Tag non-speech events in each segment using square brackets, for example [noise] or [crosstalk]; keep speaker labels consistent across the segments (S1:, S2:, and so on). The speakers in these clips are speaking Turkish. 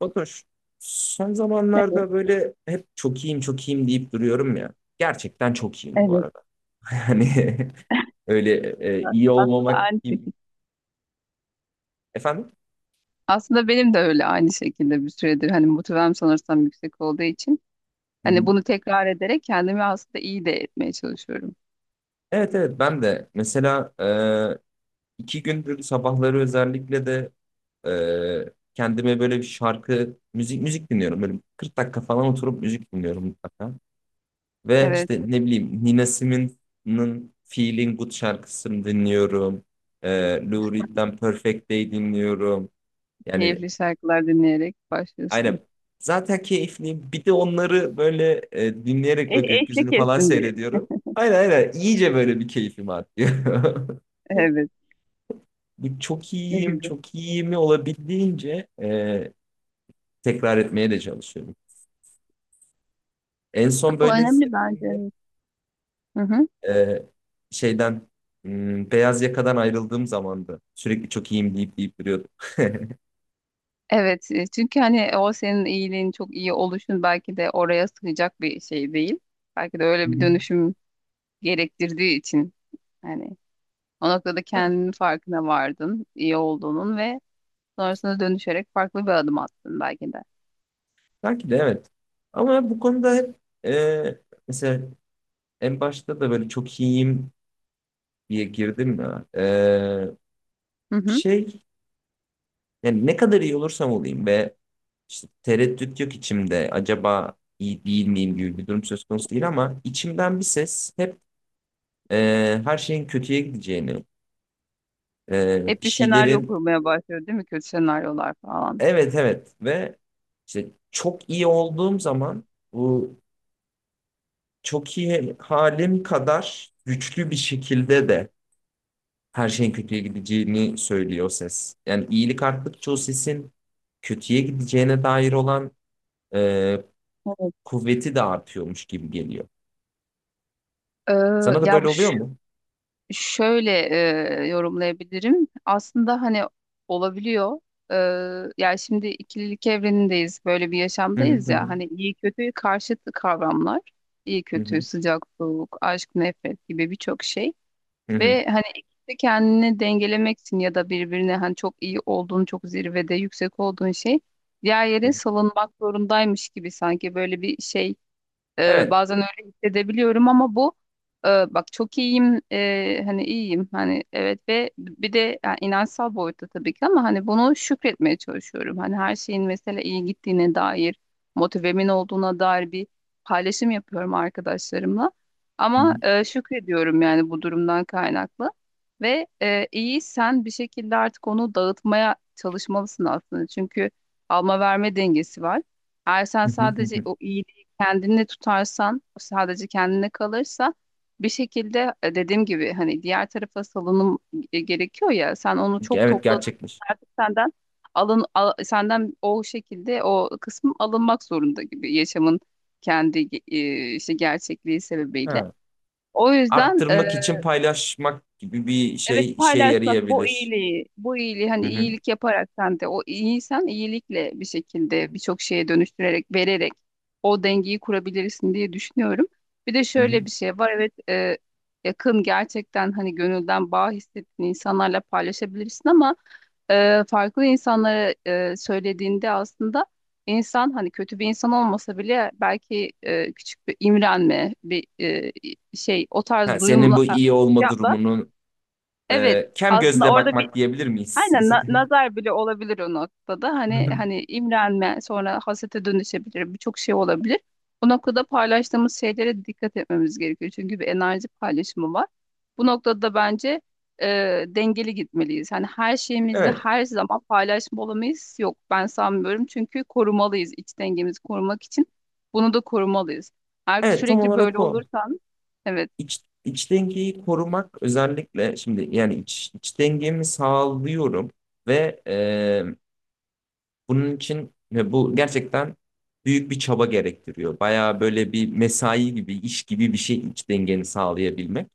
S1: Fatoş, son
S2: Evet,
S1: zamanlarda böyle hep çok iyiyim çok iyiyim deyip duruyorum ya. Gerçekten çok iyiyim bu
S2: evet.
S1: arada. [laughs] Hani öyle iyi
S2: Aslında aynı
S1: olmamak gibi.
S2: şekilde.
S1: Efendim?
S2: Aslında benim de öyle aynı şekilde bir süredir hani motivem sanırsam yüksek olduğu için
S1: Hı hı.
S2: hani bunu tekrar ederek kendimi aslında iyi de etmeye çalışıyorum.
S1: Evet, evet, ben de mesela iki gündür sabahları özellikle de kendime böyle bir şarkı, müzik müzik dinliyorum. Böyle 40 dakika falan oturup müzik dinliyorum mutlaka. Ve
S2: Evet,
S1: işte ne bileyim Nina Simone'ın Feeling Good şarkısını dinliyorum. Ee, Lou Reed'den Perfect Day dinliyorum. Yani
S2: keyifli şarkılar dinleyerek başlıyorsun.
S1: aynen zaten keyifliyim. Bir de onları böyle dinleyerek ve
S2: Eşlik
S1: gökyüzünü falan
S2: etsin diye.
S1: seyrediyorum. Aynen, aynen. İyice böyle bir keyfim artıyor. [laughs]
S2: Evet,
S1: Bu çok
S2: ne
S1: iyiyim,
S2: güzel.
S1: çok iyiyimi olabildiğince tekrar etmeye de çalışıyorum. En son
S2: Bu
S1: böyle
S2: önemli bence.
S1: hissettiğimde
S2: Evet. Hı hı.
S1: e, şeyden beyaz yakadan ayrıldığım zamandı. Sürekli çok iyiyim deyip deyip duruyordum. Hı
S2: Evet, çünkü hani o senin iyiliğin çok iyi oluşun belki de oraya sığacak bir şey değil. Belki de
S1: hı.
S2: öyle bir
S1: [laughs]
S2: dönüşüm gerektirdiği için. Yani o noktada kendinin farkına vardın, iyi olduğunun ve sonrasında dönüşerek farklı bir adım attın belki de.
S1: Belki de evet. Ama bu konuda hep e, mesela en başta da böyle çok iyiyim diye girdim ya. E,
S2: Hı hı.
S1: şey yani ne kadar iyi olursam olayım ve işte tereddüt yok içimde. Acaba iyi değil miyim gibi bir durum söz konusu değil ama içimden bir ses hep her şeyin kötüye gideceğini,
S2: Hep
S1: bir
S2: bir senaryo
S1: şeylerin.
S2: kurmaya başlıyor değil mi? Kötü senaryolar falan.
S1: Evet, evet. Ve işte çok iyi olduğum zaman bu çok iyi halim kadar güçlü bir şekilde de her şeyin kötüye gideceğini söylüyor o ses. Yani iyilik arttıkça o sesin kötüye gideceğine dair olan e,
S2: Evet.
S1: kuvveti de artıyormuş gibi geliyor.
S2: Ee,
S1: Sana da
S2: ya
S1: böyle
S2: bu
S1: oluyor
S2: şu-
S1: mu?
S2: şöyle yorumlayabilirim. Aslında hani olabiliyor. Yani şimdi ikililik evrenindeyiz. Böyle bir
S1: Hı
S2: yaşamdayız
S1: hı, hı
S2: ya. Hani iyi kötü karşıt kavramlar. İyi
S1: hı,
S2: kötü,
S1: hı
S2: sıcak soğuk, aşk nefret gibi birçok şey.
S1: hı, hı
S2: Ve hani ikisi de kendini dengelemeksin ya da birbirine hani çok iyi olduğun, çok zirvede yüksek olduğun şey diğer yere
S1: hı.
S2: salınmak zorundaymış gibi sanki böyle bir şey
S1: Evet.
S2: bazen öyle hissedebiliyorum ama bu bak çok iyiyim, hani iyiyim hani evet ve bir de yani inançsal boyutta tabii ki ama hani bunu şükretmeye çalışıyorum. Hani her şeyin mesela iyi gittiğine dair motivemin olduğuna dair bir paylaşım yapıyorum arkadaşlarımla.
S1: Hı
S2: Ama
S1: hı,
S2: şükrediyorum yani bu durumdan kaynaklı. Ve iyi sen bir şekilde artık onu dağıtmaya çalışmalısın aslında. Çünkü alma verme dengesi var. Eğer sen
S1: hı hı, hı
S2: sadece
S1: hı.
S2: o iyi kendini tutarsan, sadece kendine kalırsa bir şekilde dediğim gibi hani diğer tarafa salınım gerekiyor ya. Sen onu çok
S1: Evet,
S2: topladın,
S1: gerçekmiş.
S2: artık senden senden o şekilde o kısım alınmak zorunda gibi yaşamın kendi işte gerçekliği sebebiyle.
S1: Ha.
S2: O yüzden
S1: Arttırmak için paylaşmak gibi bir
S2: evet,
S1: şey işe
S2: paylaşmak bu
S1: yarayabilir.
S2: iyiliği, bu iyiliği
S1: Hı
S2: hani
S1: hı.
S2: iyilik yaparak sen de o iyiysen iyilikle bir şekilde birçok şeye dönüştürerek, vererek o dengeyi kurabilirsin diye düşünüyorum. Bir de
S1: Hı hı.
S2: şöyle bir şey var, evet, yakın gerçekten hani gönülden bağ hissettiğin insanlarla paylaşabilirsin ama farklı insanlara söylediğinde aslında insan hani kötü bir insan olmasa bile belki küçük bir imrenme bir şey o
S1: Ha,
S2: tarz
S1: senin
S2: duyumla
S1: bu iyi olma durumunu
S2: evet,
S1: kem
S2: aslında
S1: gözle
S2: orada bir
S1: bakmak diyebilir miyiz?
S2: aynen
S1: [laughs]
S2: nazar bile olabilir o noktada.
S1: Hı
S2: Hani
S1: hı.
S2: hani imrenme sonra hasete dönüşebilir, birçok şey olabilir. Bu noktada paylaştığımız şeylere dikkat etmemiz gerekiyor. Çünkü bir enerji paylaşımı var. Bu noktada bence e, dengeli gitmeliyiz. Hani her şeyimizi
S1: Evet.
S2: her zaman paylaşmalamayız. Yok ben sanmıyorum. Çünkü korumalıyız, iç dengemizi korumak için. Bunu da korumalıyız. Eğer ki
S1: Evet, tam
S2: sürekli
S1: olarak
S2: böyle
S1: o.
S2: olursan evet,
S1: İç dengeyi korumak özellikle şimdi yani iç dengemi sağlıyorum ve bunun için ve bu gerçekten büyük bir çaba gerektiriyor. Bayağı böyle bir mesai gibi, iş gibi bir şey iç dengeni sağlayabilmek.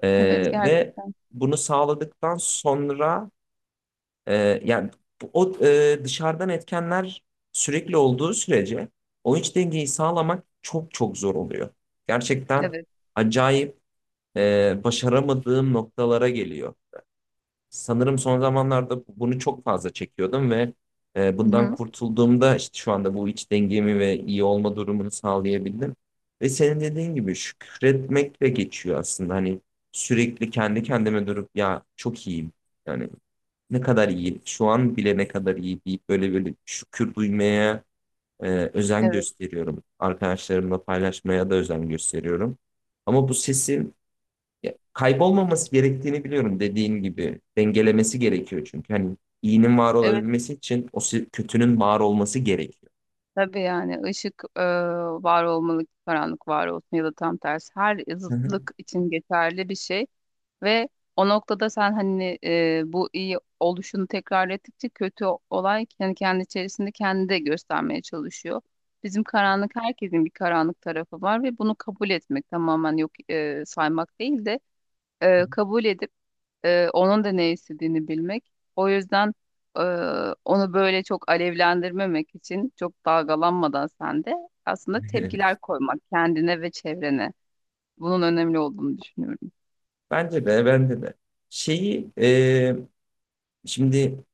S1: E,
S2: evet
S1: ve
S2: gerçekten.
S1: bunu sağladıktan sonra, yani o dışarıdan etkenler sürekli olduğu sürece o iç dengeyi sağlamak çok çok zor oluyor. Gerçekten
S2: Evet.
S1: acayip başaramadığım noktalara geliyor. Sanırım son zamanlarda bunu çok fazla çekiyordum ve
S2: Hı
S1: bundan
S2: hı.
S1: kurtulduğumda işte şu anda bu iç dengemi ve iyi olma durumunu sağlayabildim. Ve senin dediğin gibi şükretmekle geçiyor aslında. Hani sürekli kendi kendime durup ya çok iyiyim. Yani ne kadar iyi, şu an bile ne kadar iyi deyip böyle böyle şükür duymaya e, özen
S2: Evet.
S1: gösteriyorum. Arkadaşlarımla paylaşmaya da özen gösteriyorum. Ama bu sesin ya, kaybolmaması gerektiğini biliyorum dediğin gibi. Dengelemesi gerekiyor çünkü. Hani iyinin var
S2: Evet
S1: olabilmesi için kötünün var olması gerekiyor.
S2: tabii yani ışık var olmalı, ki karanlık var olsun ya da tam tersi, her
S1: Hı hı.
S2: zıtlık için geçerli bir şey. Ve o noktada sen hani bu iyi oluşunu tekrar ettikçe kötü olay yani kendi içerisinde kendi de göstermeye çalışıyor. Bizim karanlık, herkesin bir karanlık tarafı var ve bunu kabul etmek, tamamen yok saymak değil de kabul edip onun da ne istediğini bilmek. O yüzden e, onu böyle çok alevlendirmemek için çok dalgalanmadan sen de aslında
S1: [laughs]
S2: tepkiler koymak kendine ve çevrene. Bunun önemli olduğunu düşünüyorum.
S1: Bence de, bence de. Şeyi şimdi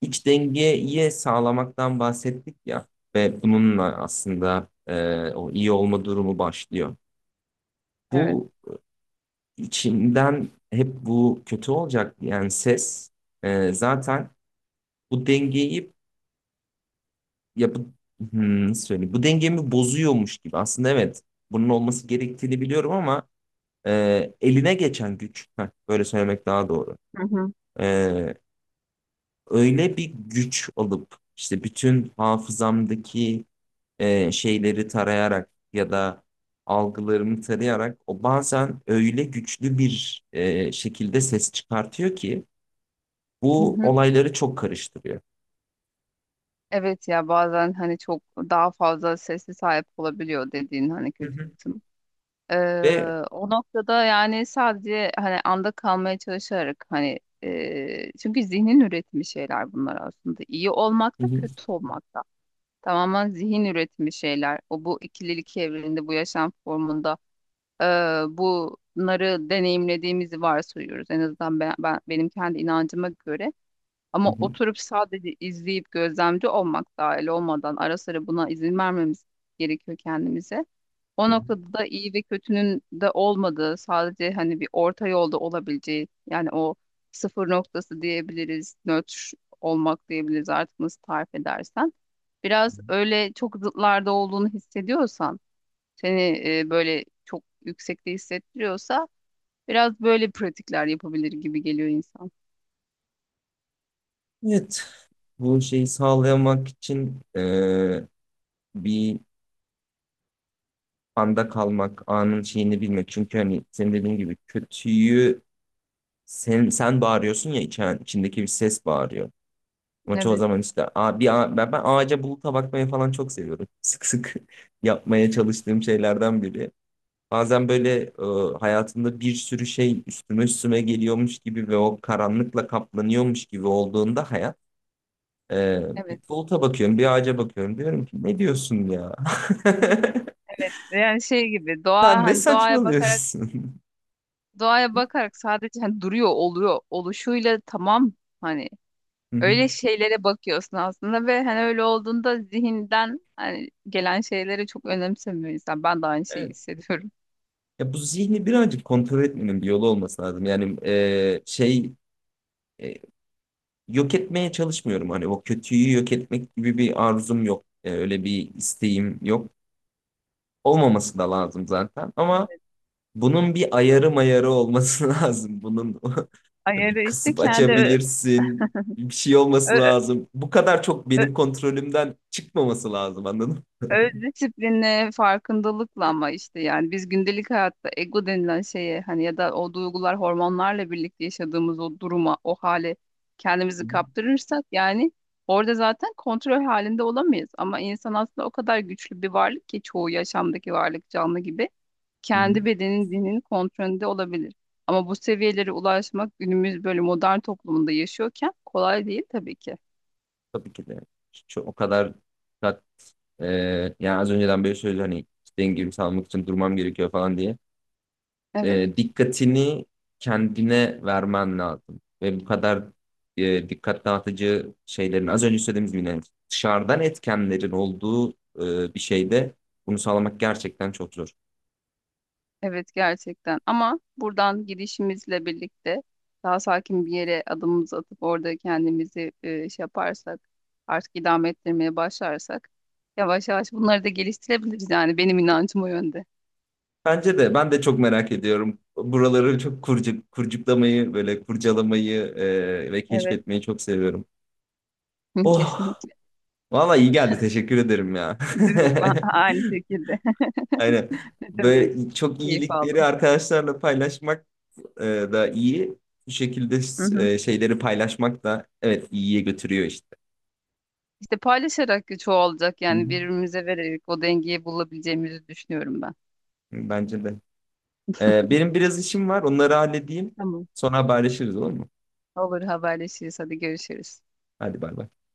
S1: İç dengeyi sağlamaktan bahsettik ya ve bununla aslında o iyi olma durumu başlıyor.
S2: Evet.
S1: Bu içimden hep bu kötü olacak yani ses zaten bu dengeyi ya bu nasıl söyleyeyim bu dengemi bozuyormuş gibi aslında evet bunun olması gerektiğini biliyorum ama eline geçen güç böyle söylemek daha doğru.
S2: Hı hı.
S1: E, Öyle bir güç alıp işte bütün hafızamdaki şeyleri tarayarak ya da algılarımı tarayarak o bazen öyle güçlü bir şekilde ses çıkartıyor ki
S2: Hı
S1: bu
S2: hı.
S1: olayları çok karıştırıyor.
S2: Evet ya, bazen hani çok daha fazla sesli sahip olabiliyor dediğin hani
S1: Hı
S2: kötü
S1: hı.
S2: kısım. Ee,
S1: Ve
S2: o noktada yani sadece hani anda kalmaya çalışarak hani çünkü zihnin üretimi şeyler bunlar aslında. İyi olmak
S1: Hı
S2: da
S1: hı,
S2: kötü olmak da. Tamamen zihin üretimi şeyler. O bu ikililik evreninde bu yaşam formunda e, bunları deneyimlediğimizi varsayıyoruz. En azından ben, benim kendi inancıma göre.
S1: hı
S2: Ama
S1: hı,
S2: oturup sadece izleyip gözlemci olmak, dahil olmadan ara sıra buna izin vermemiz gerekiyor kendimize. O
S1: hı
S2: noktada da iyi ve kötünün de olmadığı, sadece hani bir orta yolda olabileceği, yani o sıfır noktası diyebiliriz, nötr olmak diyebiliriz, artık nasıl tarif edersen. Biraz
S1: hı.
S2: öyle çok zıtlarda olduğunu hissediyorsan, seni böyle çok yüksekte hissettiriyorsa biraz böyle pratikler yapabilir gibi geliyor insan.
S1: Evet, bu şeyi sağlayamak için bir anda kalmak, anın şeyini bilmek. Çünkü hani senin dediğin gibi kötüyü sen bağırıyorsun ya içindeki bir ses bağırıyor. Ama çoğu
S2: Evet,
S1: zaman işte ben ağaca buluta bakmaya falan çok seviyorum. Sık sık [laughs] yapmaya çalıştığım şeylerden biri. Bazen böyle hayatımda bir sürü şey üstüme üstüme geliyormuş gibi ve o karanlıkla kaplanıyormuş gibi olduğunda hayat e, bir
S2: evet.
S1: buluta bakıyorum, bir ağaca bakıyorum. Diyorum ki ne diyorsun ya? [laughs]
S2: Ve yani şey gibi doğa
S1: Sen ne
S2: hani
S1: saçmalıyorsun?
S2: doğaya bakarak sadece hani duruyor oluyor oluşuyla tamam hani
S1: [laughs] Hı
S2: öyle
S1: hı.
S2: şeylere bakıyorsun aslında ve hani öyle olduğunda zihinden hani gelen şeyleri çok önemsemiyor insan. Ben de aynı şeyi
S1: Evet.
S2: hissediyorum.
S1: Ya bu zihni birazcık kontrol etmenin bir yolu olması lazım. Yani şey e, yok etmeye çalışmıyorum. Hani o kötüyü yok etmek gibi bir arzum yok. Öyle bir isteğim yok. Olmaması da lazım zaten. Ama bunun bir ayarı mayarı olması [laughs] lazım. Bunun [laughs] bir
S2: Ayarı işte
S1: kısıp
S2: kendi
S1: açabilirsin. Bir şey olması
S2: ö-
S1: lazım. Bu kadar çok
S2: ö-
S1: benim kontrolümden çıkmaması lazım, anladın
S2: öz disiplinle, farkındalıkla ama işte yani biz gündelik hayatta ego denilen şeye hani ya da o duygular hormonlarla birlikte yaşadığımız o duruma, o hale kendimizi
S1: mı?
S2: kaptırırsak yani orada zaten kontrol halinde olamayız. Ama insan aslında o kadar güçlü bir varlık ki çoğu yaşamdaki varlık canlı gibi
S1: Hı
S2: kendi
S1: hı.
S2: bedenin, dinin kontrolünde olabilir. Ama bu seviyelere ulaşmak günümüz böyle modern toplumunda yaşıyorken kolay değil tabii ki.
S1: Tabii ki de. Çok, o kadar dikkat-, ee, yani az önceden böyle söyledi hani dengemi sağlamak için durmam gerekiyor falan diye.
S2: Evet.
S1: Dikkatini kendine vermen lazım. Ve bu kadar dikkat dağıtıcı şeylerin az önce söylediğimiz gibi yani dışarıdan etkenlerin olduğu bir şeyde bunu sağlamak gerçekten çok zor.
S2: Evet gerçekten, ama buradan gidişimizle birlikte daha sakin bir yere adımımızı atıp orada kendimizi şey yaparsak, artık idame ettirmeye başlarsak yavaş yavaş bunları da geliştirebiliriz, yani benim inancım o yönde.
S1: Bence de, ben de çok merak ediyorum. Buraları çok kurcuk, kurcuklamayı böyle kurcalamayı ve
S2: Evet,
S1: keşfetmeyi çok seviyorum.
S2: [laughs]
S1: Oh,
S2: kesinlikle,
S1: valla iyi geldi. Teşekkür ederim ya. [laughs]
S2: değil mi? [laughs] Aynı şekilde.
S1: Aynen.
S2: [laughs] Ne demek,
S1: Böyle çok
S2: keyif
S1: iyilikleri
S2: aldım.
S1: arkadaşlarla paylaşmak e, da iyi. Bu şekilde
S2: Hı hı.
S1: şeyleri paylaşmak da evet iyiye götürüyor işte.
S2: İşte paylaşarak çoğalacak,
S1: Hı
S2: yani
S1: hı.
S2: birbirimize vererek o dengeyi bulabileceğimizi düşünüyorum ben.
S1: Bence de. Benim biraz işim var. Onları halledeyim.
S2: Tamam.
S1: Sonra haberleşiriz, olur mu?
S2: Olur, haberleşiriz, hadi görüşürüz.
S1: Hadi bay bay.